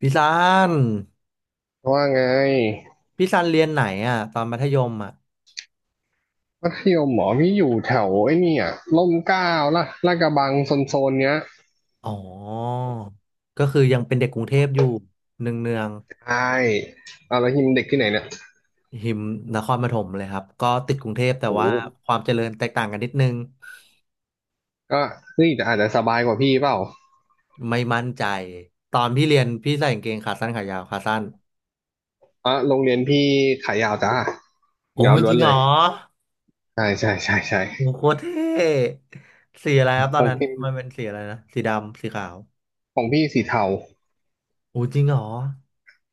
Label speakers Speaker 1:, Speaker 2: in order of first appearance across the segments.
Speaker 1: พี่ซัน
Speaker 2: ว่าไง
Speaker 1: พี่ซันเรียนไหนอ่ะตอนมัธยมอ่ะ
Speaker 2: มัธยมหมอพี่อยู่แถวไอ้นี่อ่ะร่มเกล้าละลาดกระบังโซนๆเนี้ย
Speaker 1: อ๋อก็คือยังเป็นเด็กกรุงเทพอยู่เนืองเนือง
Speaker 2: ใช่เอาแล้วทีมเด็กที่ไหนเนี่ย
Speaker 1: หิมนครปฐมเลยครับก็ติดกรุงเทพแต่
Speaker 2: โอ้โห
Speaker 1: ว่าความเจริญแตกต่างกันนิดนึง
Speaker 2: ก็นี่แต่อาจจะสบายกว่าพี่เปล่า
Speaker 1: ไม่มั่นใจตอนพี่เรียนพี่ใส่กางเกงขาสั้นขายาวขาสั้น
Speaker 2: อ่ะโรงเรียนพี่ขายาวจ้า
Speaker 1: โอ้
Speaker 2: ยาว
Speaker 1: ย
Speaker 2: ล้
Speaker 1: จ
Speaker 2: วน
Speaker 1: ริงเห
Speaker 2: เล
Speaker 1: รอ
Speaker 2: ยใช่ใช่ใช่ใช่
Speaker 1: โอ้โคตรเท่สีอะไรครับต
Speaker 2: ข
Speaker 1: อน
Speaker 2: อง
Speaker 1: นั้น
Speaker 2: พี่
Speaker 1: มันเป็นสีอะไรนะสีดำสีขาว
Speaker 2: ของพี่สีเทา
Speaker 1: โอ้จริงเหรอ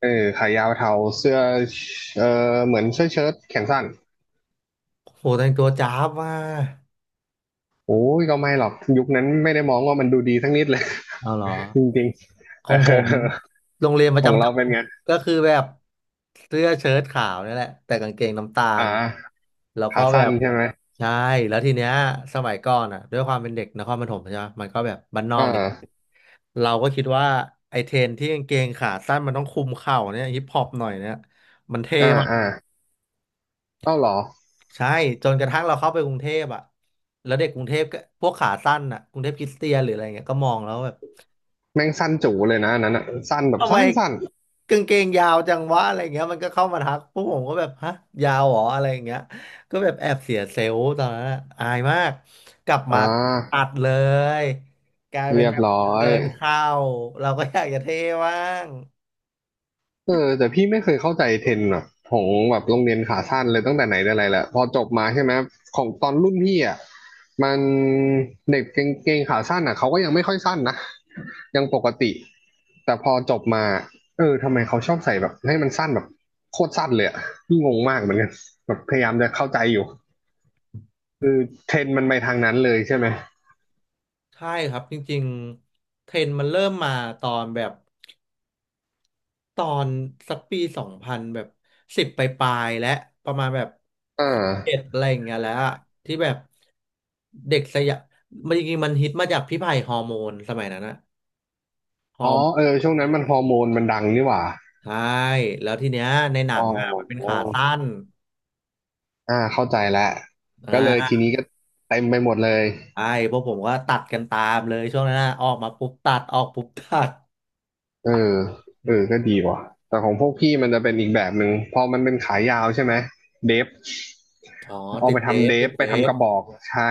Speaker 2: เออขายาวเทาเสื้อเออเหมือนเสื้อเชิ้ตแขนสั้น
Speaker 1: โหแต่งตัวจ้าบมาก
Speaker 2: โอ้ยก็ไม่หรอกยุคนั้นไม่ได้มองว่ามันดูดีสักนิดเลย
Speaker 1: เอาเหรอ
Speaker 2: จริงๆ
Speaker 1: ข
Speaker 2: เอ
Speaker 1: อ
Speaker 2: อ
Speaker 1: งผมโรงเรียนป
Speaker 2: ข
Speaker 1: ระ
Speaker 2: อง
Speaker 1: จำจั
Speaker 2: เรา
Speaker 1: งหวัด
Speaker 2: เป็นไง
Speaker 1: ก็คือแบบเสื้อเชิ้ตขาวนี่แหละแต่กางเกงน้ำตา
Speaker 2: อ่
Speaker 1: ล
Speaker 2: า
Speaker 1: แล้วก็
Speaker 2: ขา
Speaker 1: แบ
Speaker 2: สั้น
Speaker 1: บ
Speaker 2: ใช่ไหม
Speaker 1: ใช่แล้วทีเนี้ยสมัยก่อนอ่ะด้วยความเป็นเด็กนครปฐมใช่ไหมมันก็แบบบ้านนอ
Speaker 2: อ่
Speaker 1: กนิดนึง
Speaker 2: า
Speaker 1: เราก็คิดว่าไอเทรนที่กางเกงขาสั้นมันต้องคลุมเข่าเนี่ยฮิปฮอปหน่อยเนี่ยมันเท่
Speaker 2: อ่า
Speaker 1: มาก
Speaker 2: อ่าเอ้าเหรอ
Speaker 1: ใช่จนกระทั่งเราเข้าไปกรุงเทพอ่ะแล้วเด็กกรุงเทพก็พวกขาสั้นอ่ะกรุงเทพคริสเตียนหรืออะไรเงี้ยก็มองแล้วแบบ
Speaker 2: แม่งสั้นจู๋เลยนะอันนั้นอ่ะสั้นแบบ
Speaker 1: ทำไม
Speaker 2: สั้นสั้น
Speaker 1: กางเกงยาวจังวะอะไรเงี้ยมันก็เข้ามาทักพวกผมก็แบบฮะยาวเหรออะไรอย่างเงี้ยก็แบบแอบเสียเซลล์ตอนนั้นอะอายมากกลับ
Speaker 2: อ่
Speaker 1: มาตั
Speaker 2: า
Speaker 1: ดเลยกลายเป็น
Speaker 2: เรีย
Speaker 1: แบ
Speaker 2: บ
Speaker 1: บ
Speaker 2: ร้อ
Speaker 1: เกิ
Speaker 2: ย
Speaker 1: นเข้าเราก็อยากจะเท่บ้าง
Speaker 2: เออแต่พี่ไม่เคยเข้าใจเทรนด์แบบของแบบโรงเรียนขาสั้นเลยตั้งแต่ไหนแต่ไรแหละพอจบมาใช่ไหมของตอนรุ่นพี่อ่ะมันเด็กเกงขาสั้นอ่ะเขาก็ยังไม่ค่อยสั้นนะยังปกติแต่พอจบมาเออทำไมเขาชอบใส่แบบให้มันสั้นแบบโคตรสั้นเลยอ่ะพี่งงมากเหมือนกันแบบพยายามจะเข้าใจอยู่เทรนด์มันไปทางนั้นเลยใช่ไหม
Speaker 1: ใช่ครับจริงๆเทรนด์มันเริ่มมาตอนแบบ ตอนสักปีสองพันแบบสิบปลายๆและประมาณแบบ
Speaker 2: อ่
Speaker 1: สิบเอ็ด
Speaker 2: า
Speaker 1: อะไรอย่างเงี้ยแล้วอะที่แบบเด็กสยามมันจริงๆมันฮิตมาจากพี่ไผ่ฮอร์โมนสมัยนั้นนะฮอ
Speaker 2: อ๋อ
Speaker 1: ร์โม
Speaker 2: เออ
Speaker 1: น
Speaker 2: ช่วงนั้นมันฮอร์โมนมันดังนี่หว่า
Speaker 1: ใช่แล้วทีเนี้ยในหนั
Speaker 2: อ๋อ
Speaker 1: งอ่ะมันเป็นขาสั้น
Speaker 2: อ่า เข้าใจแล้ว
Speaker 1: อ่
Speaker 2: ก็เลยที
Speaker 1: า
Speaker 2: นี้ก็เต็มไปหมดเลย
Speaker 1: ใช่พวกผมก็ตัดกันตามเลยช่วงนั้นนะออกมาปุ๊บตัดออกปุ๊บตัด
Speaker 2: เออ
Speaker 1: อื
Speaker 2: เออก็
Speaker 1: ม
Speaker 2: ดีว่ะแต่ของพวกพี่มันจะเป็นอีกแบบหนึ่งพอมันเป็นขายาวใช่ไหมเดฟ
Speaker 1: อ๋อ
Speaker 2: เอา
Speaker 1: ติ
Speaker 2: ไป
Speaker 1: ดเด
Speaker 2: ทำ
Speaker 1: ฟ
Speaker 2: เด
Speaker 1: ติ
Speaker 2: ฟ
Speaker 1: ด
Speaker 2: ไป
Speaker 1: เด
Speaker 2: ทำ
Speaker 1: ฟ
Speaker 2: กระบอกใช่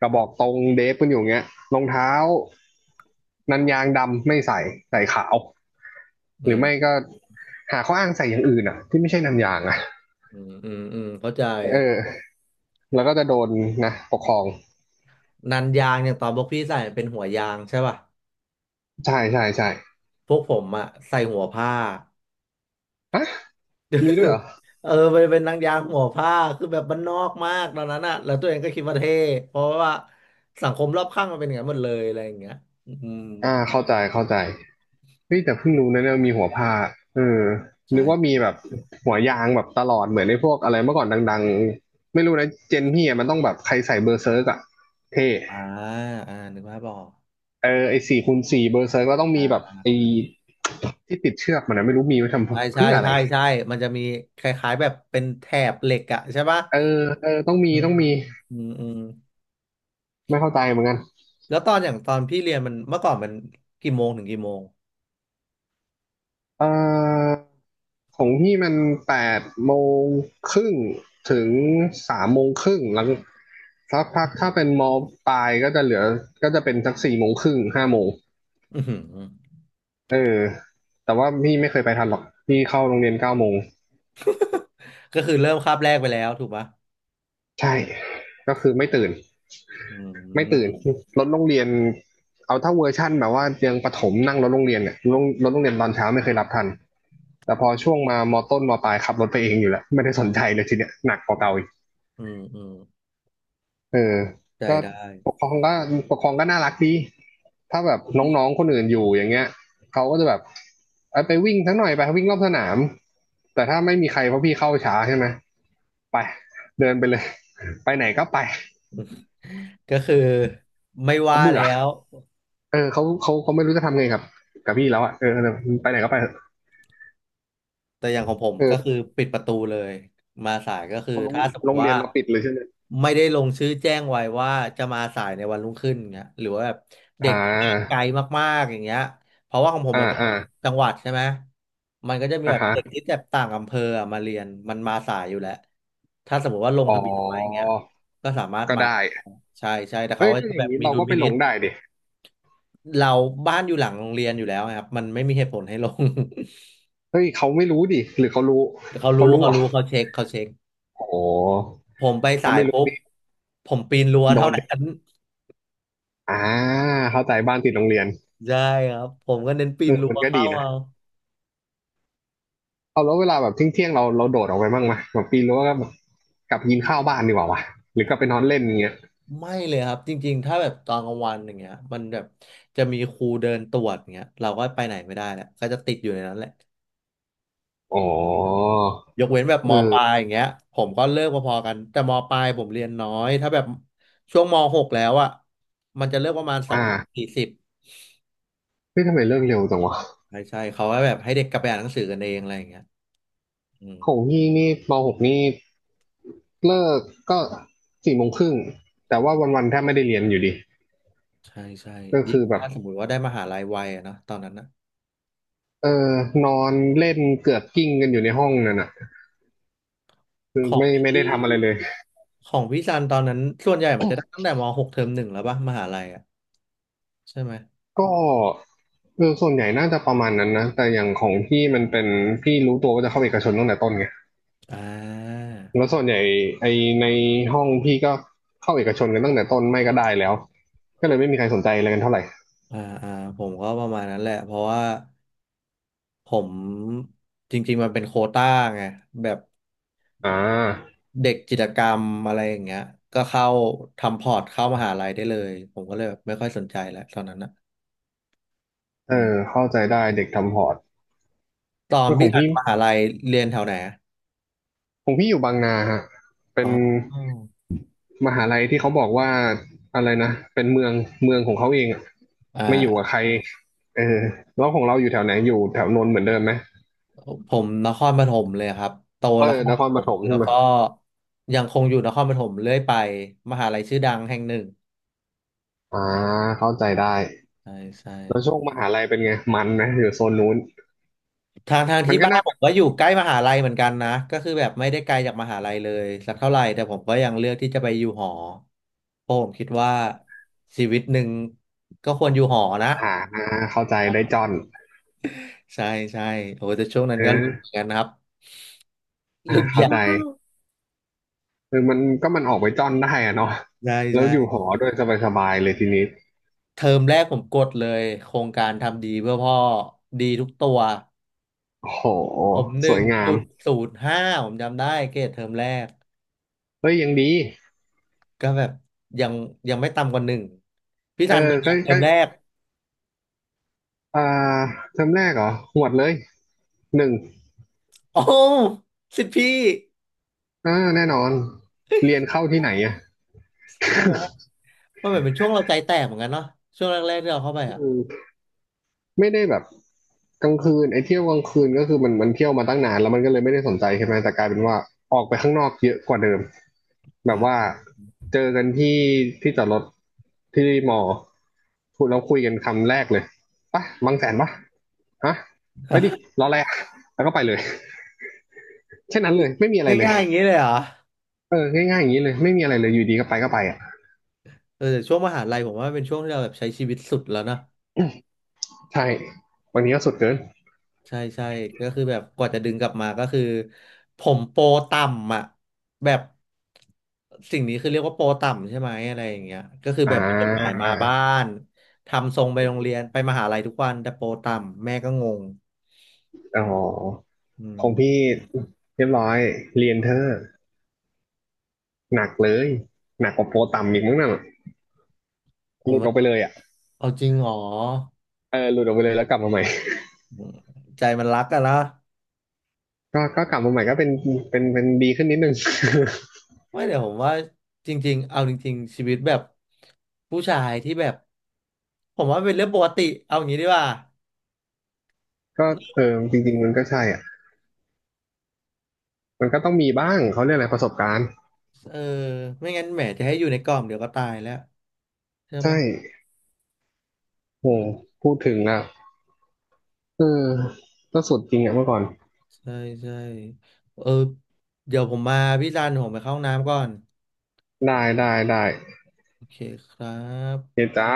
Speaker 2: กระบอกตรงเดฟกันอยู่เงี้ยรองเท้านันยางดำไม่ใส่ใส่ขาว
Speaker 1: อื
Speaker 2: หรือไม่
Speaker 1: ม
Speaker 2: ก็หาข้ออ้างใส่อย่างอื่นอ่ะที่ไม่ใช่นันยางอ่ะ
Speaker 1: อืมอืมอืมเข้าใจ
Speaker 2: เออแล้วก็จะโดนนะปกครอง
Speaker 1: นันยางอย่างตอนพวกพี่ใส่เป็นหัวยางใช่ป่ะ
Speaker 2: ใช่ใช่ใช่
Speaker 1: พวกผมอะใส่หัวผ้า
Speaker 2: ฮะมีด้วยเหรอ
Speaker 1: เออไปนเป็นนางยางหัวผ้าคือแบบบ้านนอกมากตอนนั้นอะแล้วตัวเองก็คิดว่าเท่เพราะว่าสังคมรอบข้างมันเป็นอย่างนั้นหมดเลยอะไรอย่างเงี้ยอืม
Speaker 2: อ่าเข้าใจเข้าใจเฮ้ยแต่เพิ่งรู้นะเนี่ยมีหัวผ้าเออนึกว่า
Speaker 1: ใช่
Speaker 2: มีแบบหัวยางแบบตลอดเหมือนในพวกอะไรเมื่อก่อนดังๆไม่รู้นะเจนพี่อะมันต้องแบบใครใส่เบอร์เซิร์กอะเท่
Speaker 1: อ่าอ่านึกภาพออก
Speaker 2: เออไอสี่คูณสี่เบอร์เซิร์กก็ต้อง
Speaker 1: อ่
Speaker 2: มีแบบ
Speaker 1: า
Speaker 2: ไอที่ติดเชือกมันนะไม่รู้มีไว้ท
Speaker 1: ใช่
Speaker 2: ำ
Speaker 1: ใช่
Speaker 2: เพื่ออะไร
Speaker 1: ใช่ใช่มันจะมีคล้ายๆแบบเป็นแถบเหล็กอะใช่ปะ
Speaker 2: เออเออต้องมี
Speaker 1: อืมอืมอืมอืม
Speaker 2: ไม่เข้าใจเหมือนกัน
Speaker 1: แล้วตอนอย่างตอนพี่เรียนมันเมื่อก่อนมันกี่โมงถึงกี่โมง
Speaker 2: เอ่อของพี่มันแปดโมงครึ่งถึงสามโมงครึ่งแล้วสักพัก
Speaker 1: อื
Speaker 2: ถ้าเป็นมอปลายก็จะเหลือก็จะเป็นสักสี่โมงครึ่งห้าโมง
Speaker 1: มอืม
Speaker 2: เออแต่ว่าพี่ไม่เคยไปทันหรอกพี่เข้าโรงเรียนเก้าโมง
Speaker 1: ก็คือเริ่มคาบแรกไปแล้วถูกปะ
Speaker 2: ใช่ก็คือไม่ตื่น
Speaker 1: อื
Speaker 2: ไม่ตื่น
Speaker 1: ม
Speaker 2: รถโรงเรียนเอาถ้าเวอร์ชั่นแบบว่ายังประถมนั่งรถโรงเรียนเนี่ยรถรถโรงเรียนตอนเช้าไม่เคยรับทันแต่พอช่วงมามอต้นมอปลายขับรถไปเองอยู่แล้วไม่ได้สนใจเลยทีเนี้ยหนักกว่าเก่าอ
Speaker 1: อืมอืม
Speaker 2: เออ
Speaker 1: ได้
Speaker 2: ก็
Speaker 1: ได้
Speaker 2: ปกครองก็ปกครองก็น่ารักดี ถ้าแบบน้องๆ คนอื่นอยู่อย่างเงี้ยเขาก็จะแบบเอ้ยไปวิ่งสักหน่อยไปวิ่งรอบสนาม แต่ถ้าไม่มีใครเพราะพี่เข้าช้าใช่ไหมไปเดินไปเลย ไปไหนก็ไป
Speaker 1: ก็คือไม่
Speaker 2: เขา
Speaker 1: ว่า
Speaker 2: เบื่อ
Speaker 1: แล้ว
Speaker 2: เออเขาเขาเขาไม่รู้จะทำไงกับกับพี่แล้วอ่ะเออไปไหนก็ไปเถอะ
Speaker 1: แต่อย่างของผมก็คื
Speaker 2: เออ
Speaker 1: อปิดประตูเลยมาสายก็คือ
Speaker 2: โรง
Speaker 1: ถ้าสมม
Speaker 2: โร
Speaker 1: ติ
Speaker 2: งเรี
Speaker 1: ว่า
Speaker 2: ยนเราปิดเลยใช่ไหม
Speaker 1: ไม่ได้ลงชื่อแจ้งไว้ว่าจะมาสายในวันรุ่งขึ้นเงี้ยหรือว่าแบบเด็
Speaker 2: อ่
Speaker 1: กที่ไกล
Speaker 2: า
Speaker 1: มากๆอย่างเงี้ยเพราะว่าของผม
Speaker 2: อ่า
Speaker 1: มันเป็น
Speaker 2: อ่า
Speaker 1: จังหวัดใช่ไหมมันก็จะมี
Speaker 2: อ่า
Speaker 1: แบบ
Speaker 2: ฮะ
Speaker 1: เด็กที่แบบต่างอำเภออะมาเรียนมันมาสายอยู่แล้วถ้าสมมติว่าลง
Speaker 2: อ๋
Speaker 1: ทะเบียนไว้อย่างเงี้
Speaker 2: อ
Speaker 1: ยก็สามารถ
Speaker 2: ก็
Speaker 1: มา
Speaker 2: ได้
Speaker 1: ได้ใช่ใช่แต่
Speaker 2: เฮ้
Speaker 1: เขา
Speaker 2: ย
Speaker 1: ก็
Speaker 2: ถ้า
Speaker 1: จะ
Speaker 2: อ
Speaker 1: แบ
Speaker 2: ย่าง
Speaker 1: บ
Speaker 2: นี้
Speaker 1: มี
Speaker 2: เรา
Speaker 1: ดุล
Speaker 2: ก็ไป
Speaker 1: พิ
Speaker 2: ห
Speaker 1: นิ
Speaker 2: ล
Speaker 1: จ
Speaker 2: งได้ดิ
Speaker 1: เราบ้านอยู่หลังโรงเรียนอยู่แล้วครับมันไม่มีเหตุผลให้ลง
Speaker 2: เฮ้ยเขาไม่รู้ดิหรือเขารู้
Speaker 1: เขา
Speaker 2: เขา
Speaker 1: รู้
Speaker 2: รู้
Speaker 1: เขา
Speaker 2: เหรอ
Speaker 1: รู้เขาเช็ค
Speaker 2: โอ้
Speaker 1: ผมไปสา
Speaker 2: ถ้า
Speaker 1: ย
Speaker 2: ไม่รู้
Speaker 1: ปุ๊บ
Speaker 2: นี่
Speaker 1: ผมปีนรั้ว
Speaker 2: โด
Speaker 1: เท่า
Speaker 2: นเด็ก
Speaker 1: นั้น
Speaker 2: อ่าเข้าใจบ้านติดโรงเรียน
Speaker 1: ใช่ครับผมก็เน้นปี
Speaker 2: เอ
Speaker 1: น
Speaker 2: อ
Speaker 1: รั้
Speaker 2: มั
Speaker 1: ว
Speaker 2: นก็ดี
Speaker 1: เข้า
Speaker 2: นะ
Speaker 1: เอา
Speaker 2: เอาแล้วเวลาแบบเที่ยงๆเราเราโดดออกไปบ้างไหมแบบปีนรั้วก็แบบกลับกินข้าวบ้านดีกว่าวะ หรือกลับไปนอนเล่นอย่างเงี้ย
Speaker 1: ไม่เลยครับจริงๆถ้าแบบตอนกลางวันอย่างเงี้ยมันแบบจะมีครูเดินตรวจอย่างเงี้ยเราก็ไปไหนไม่ได้แหละก็จะติดอยู่ในนั้นแหละ
Speaker 2: อ๋อ
Speaker 1: ยกเว้นแบบมปลาย
Speaker 2: เออ
Speaker 1: อย่างเงี้ยผมก็เลิกพอๆกันแต่มปลายผมเรียนน้อยถ้าแบบช่วงมหกแล้วอ่ะมันจะเลิกประมาณสองโมง
Speaker 2: อ่า
Speaker 1: สี่สิบ
Speaker 2: เฮ้ยทำไมเลิกเร็วจังวะ
Speaker 1: ใช่ใช่เขาก็แบบให้เด็กกลับไปอ่านหนังสือกันเองอะไรอย่างเงี้ยอืม
Speaker 2: ของพี่นี่มหกนี่เลิกก็สี่โมงครึ่งแต่ว่าวันๆแทบไม่ได้เรียนอยู่ดี
Speaker 1: ใช่ใช่
Speaker 2: ก็
Speaker 1: ยิ่ง
Speaker 2: คือแบบ
Speaker 1: ถ้าสมมติว่าได้มหาลัยวัยอะเนาะตอนนั้นนะ
Speaker 2: เออนอนเล่นเกือกกิ้งกันอยู่ในห้องนั่นน่ะคือ
Speaker 1: ของ
Speaker 2: ไม่
Speaker 1: พ
Speaker 2: ไม่ได้
Speaker 1: ี่
Speaker 2: ทำอะไรเลย
Speaker 1: ของพี่ซันตอนนั้นส่วนใหญ่มันจะได้ตั้งแต่ม .6 เทอมหนึ่งแล้วป่ะมหาลัยอ่ะใช่ไหม
Speaker 2: ก็เออส่วนใหญ่น่าจะประมาณนั้นนะแต่อย่างของพี่มันเป็นพี่รู้ตัวว่าจะเข้าเอกชนตั้งแต่ต้นไง
Speaker 1: อ่า
Speaker 2: แล้วส่วนใหญ่ไอในห้องพี่ก็เข้าเอกชนกันตั้งแต่ต้นไม่ก็ได้แล้วก็เลยไม่มีใครสนใจอะไรกันเท่าไหร่
Speaker 1: อ่าอ่าผมก็ประมาณนั้นแหละเพราะว่าผมจริงๆมันเป็นโควต้าไงแบบ
Speaker 2: อ่า
Speaker 1: เด็กกิจกรรมอะไรอย่างเงี้ยก็เข้าทำพอร์ตเข้ามหาลัยได้เลยผมก็เลยแบบไม่ค่อยสนใจแล้วตอนนั้นนะ
Speaker 2: เออเข้าใจได้เด็กทำพอร์ต
Speaker 1: ตอน
Speaker 2: เรื่องข
Speaker 1: พี่
Speaker 2: อง
Speaker 1: ทัน
Speaker 2: พี่
Speaker 1: มหาลัยเรียนแถวไหนอะ
Speaker 2: ของพี่อยู่บางนาฮะเป็
Speaker 1: อ๋
Speaker 2: น
Speaker 1: อ
Speaker 2: มหาลัยที่เขาบอกว่าอะไรนะเป็นเมืองเมืองของเขาเองอะ
Speaker 1: อ่
Speaker 2: ไม่อยู่กับ
Speaker 1: า
Speaker 2: ใครเออแล้วของเราอยู่แถวไหนอยู่แถวนนท์เหมือนเดิมไหม
Speaker 1: ผมนครปฐมเลยครับโต
Speaker 2: เออ
Speaker 1: นคร
Speaker 2: น
Speaker 1: ป
Speaker 2: คร
Speaker 1: ฐ
Speaker 2: ป
Speaker 1: ม
Speaker 2: ฐม
Speaker 1: แล้
Speaker 2: ใช่
Speaker 1: ว
Speaker 2: ไหม
Speaker 1: ก็ยังคงอยู่นครปฐมเรื่อยไปมหาลัยชื่อดังแห่งหนึ่ง
Speaker 2: อ่าเข้าใจได้
Speaker 1: ใช่ใช่
Speaker 2: แล้วช่วงมหาลัยเป็นไงมันนะอยู่โซนนู้น
Speaker 1: ทาง
Speaker 2: มั
Speaker 1: ที่
Speaker 2: นก็
Speaker 1: บ้าน
Speaker 2: น่า
Speaker 1: ผ
Speaker 2: จะ
Speaker 1: มก็อยู่ใกล้มหาลัยเหมือนกันนะก็คือแบบไม่ได้ไกลจากมหาลัยเลยสักเท่าไหร่แต่ผมก็ยังเลือกที่จะไปอยู่หอเพราะผมคิดว่าชีวิตหนึ่งก็ควรอยู่หอนะ
Speaker 2: ผ่านนะเข้าใจได้จอน
Speaker 1: ใช่ใช่โอ้แต่ช่วงนั้
Speaker 2: เ
Speaker 1: นก็รุ้เหมือ
Speaker 2: ออ
Speaker 1: นกันนะครับ
Speaker 2: อ่า
Speaker 1: หลุด
Speaker 2: เข้า
Speaker 1: ยาว
Speaker 2: ใจคือมันก็มันออกไปจอนได้อะเนาะ
Speaker 1: ใช่
Speaker 2: แล้ว
Speaker 1: ใช่
Speaker 2: อยู่หอด้วยสบายๆเลยทีนี้
Speaker 1: เทอมแรกผมกดเลยโครงการทำดีเพื่อพ่อดีทุกตัว
Speaker 2: โอ้โห
Speaker 1: ผมห
Speaker 2: ส
Speaker 1: นึ่
Speaker 2: ว
Speaker 1: ง
Speaker 2: ยงาม
Speaker 1: จุดศูนย์ห้าผมจำได้เกรดเทอมแรก
Speaker 2: เฮ้ยยังดี
Speaker 1: ก็แบบยังยังไม่ต่ำกว่าหนึ่งพี่
Speaker 2: เอ
Speaker 1: ธั
Speaker 2: อ
Speaker 1: นเป็นไง
Speaker 2: ก็
Speaker 1: เทอ
Speaker 2: ก็
Speaker 1: มแรก
Speaker 2: อ่าเทอมแรกเหรอหวดเลยหนึ่ง
Speaker 1: โอ้สิทธิ์พี่
Speaker 2: อ่าแน่นอนเรียนเข้าที่ไหนอะ
Speaker 1: ใช่ไหมมันเหมือนเป็นช่วงเราใจแตกเหมือนกันเนาะช่วงแรกๆที่เราเข้าไปอ่ะ
Speaker 2: ไม่ได้แบบกลางคืนไอ้เที่ยวกลางคืนก็คือมันมันเที่ยวมาตั้งนานแล้วมันก็เลยไม่ได้สนใจใช่ไหมแต่กลายเป็นว่าออกไปข้างนอกเยอะกว่าเดิมแบบ
Speaker 1: ฮะ
Speaker 2: ว่าเจอกันที่ที่จอดรถที่มอพูดแล้วคุยกันคำแรกเลยปะบางแสนปะฮะไปดิรออะไรอะแล้วก็ไปเลยแค่นั้นเลยไม่มีอะไรเลย
Speaker 1: ง่ายๆอย่างนี้เลยเหรอ
Speaker 2: เออง่ายๆอย่างนี้เลยไม่มีอะไรเลยอยู่ดีก็ไปก็ไปอ่ะ
Speaker 1: เออแต่ช่วงมหาลัยผมว่าเป็นช่วงที่เราแบบใช้ชีวิตสุดแล้วนะ
Speaker 2: ใช่บางทีก็สุดเกิน
Speaker 1: ใช่ใช่ก็คือแบบกว่าจะดึงกลับมาก็คือผมโปรต่ำอ่ะแบบสิ่งนี้คือเรียกว่าโปรต่ำใช่ไหมอะไรอย่างเงี้ยก็คือ
Speaker 2: อ่
Speaker 1: แบบมีจดหมาย
Speaker 2: า
Speaker 1: มาบ้านทำทรงไปโรงเรียนไปมหาลัยทุกวันแต่โปรต่ำแม่ก็งง
Speaker 2: อ๋อ
Speaker 1: อื
Speaker 2: ข
Speaker 1: ม
Speaker 2: องพี่เรียบร้อยเรียนเธอ หนักเลยหนักกว่าโปรต่ำอีกมั้งนั่น
Speaker 1: ผ
Speaker 2: ห
Speaker 1: ม
Speaker 2: ลุดอ
Speaker 1: ว่า
Speaker 2: อกไปเลยอ่ะ
Speaker 1: เอาจริงเหรอ
Speaker 2: เออหลุดออกไปเลยแล้วกลับมาใหม่
Speaker 1: ใจมันรักอะนะ
Speaker 2: ก็ก็กลับมาใหม่ก็เป็นเป็นดีขึ้นนิดนึง
Speaker 1: ไม่เดี๋ยวผมว่าจริงๆเอาจริงๆชีวิตแบบผู้ชายที่แบบผมว่าเป็นเรื่องปกติเอาอย่างนี้ดีกว่า
Speaker 2: ก็เออจริงๆมันก็ใช่อ่ะมันก็ต้องมีบ้างเขาเรียกอะไรประสบการณ์
Speaker 1: เออไม่งั้นแหมจะให้อยู่ในกล่องเดี๋ยวก็ตายแล้วใช่
Speaker 2: ใช่
Speaker 1: ปะ
Speaker 2: โห
Speaker 1: เออ
Speaker 2: พูดถึงอ่ะเออก็สุดจริงอ่ะเมื่อก่อน
Speaker 1: ใช่ใช่เออเดี๋ยวผมมาพี่ซันผมไปเข้าห้องน้ำก่อน
Speaker 2: ได้ได้ได้
Speaker 1: โอเคครั
Speaker 2: เฮ
Speaker 1: บ
Speaker 2: ยจ้า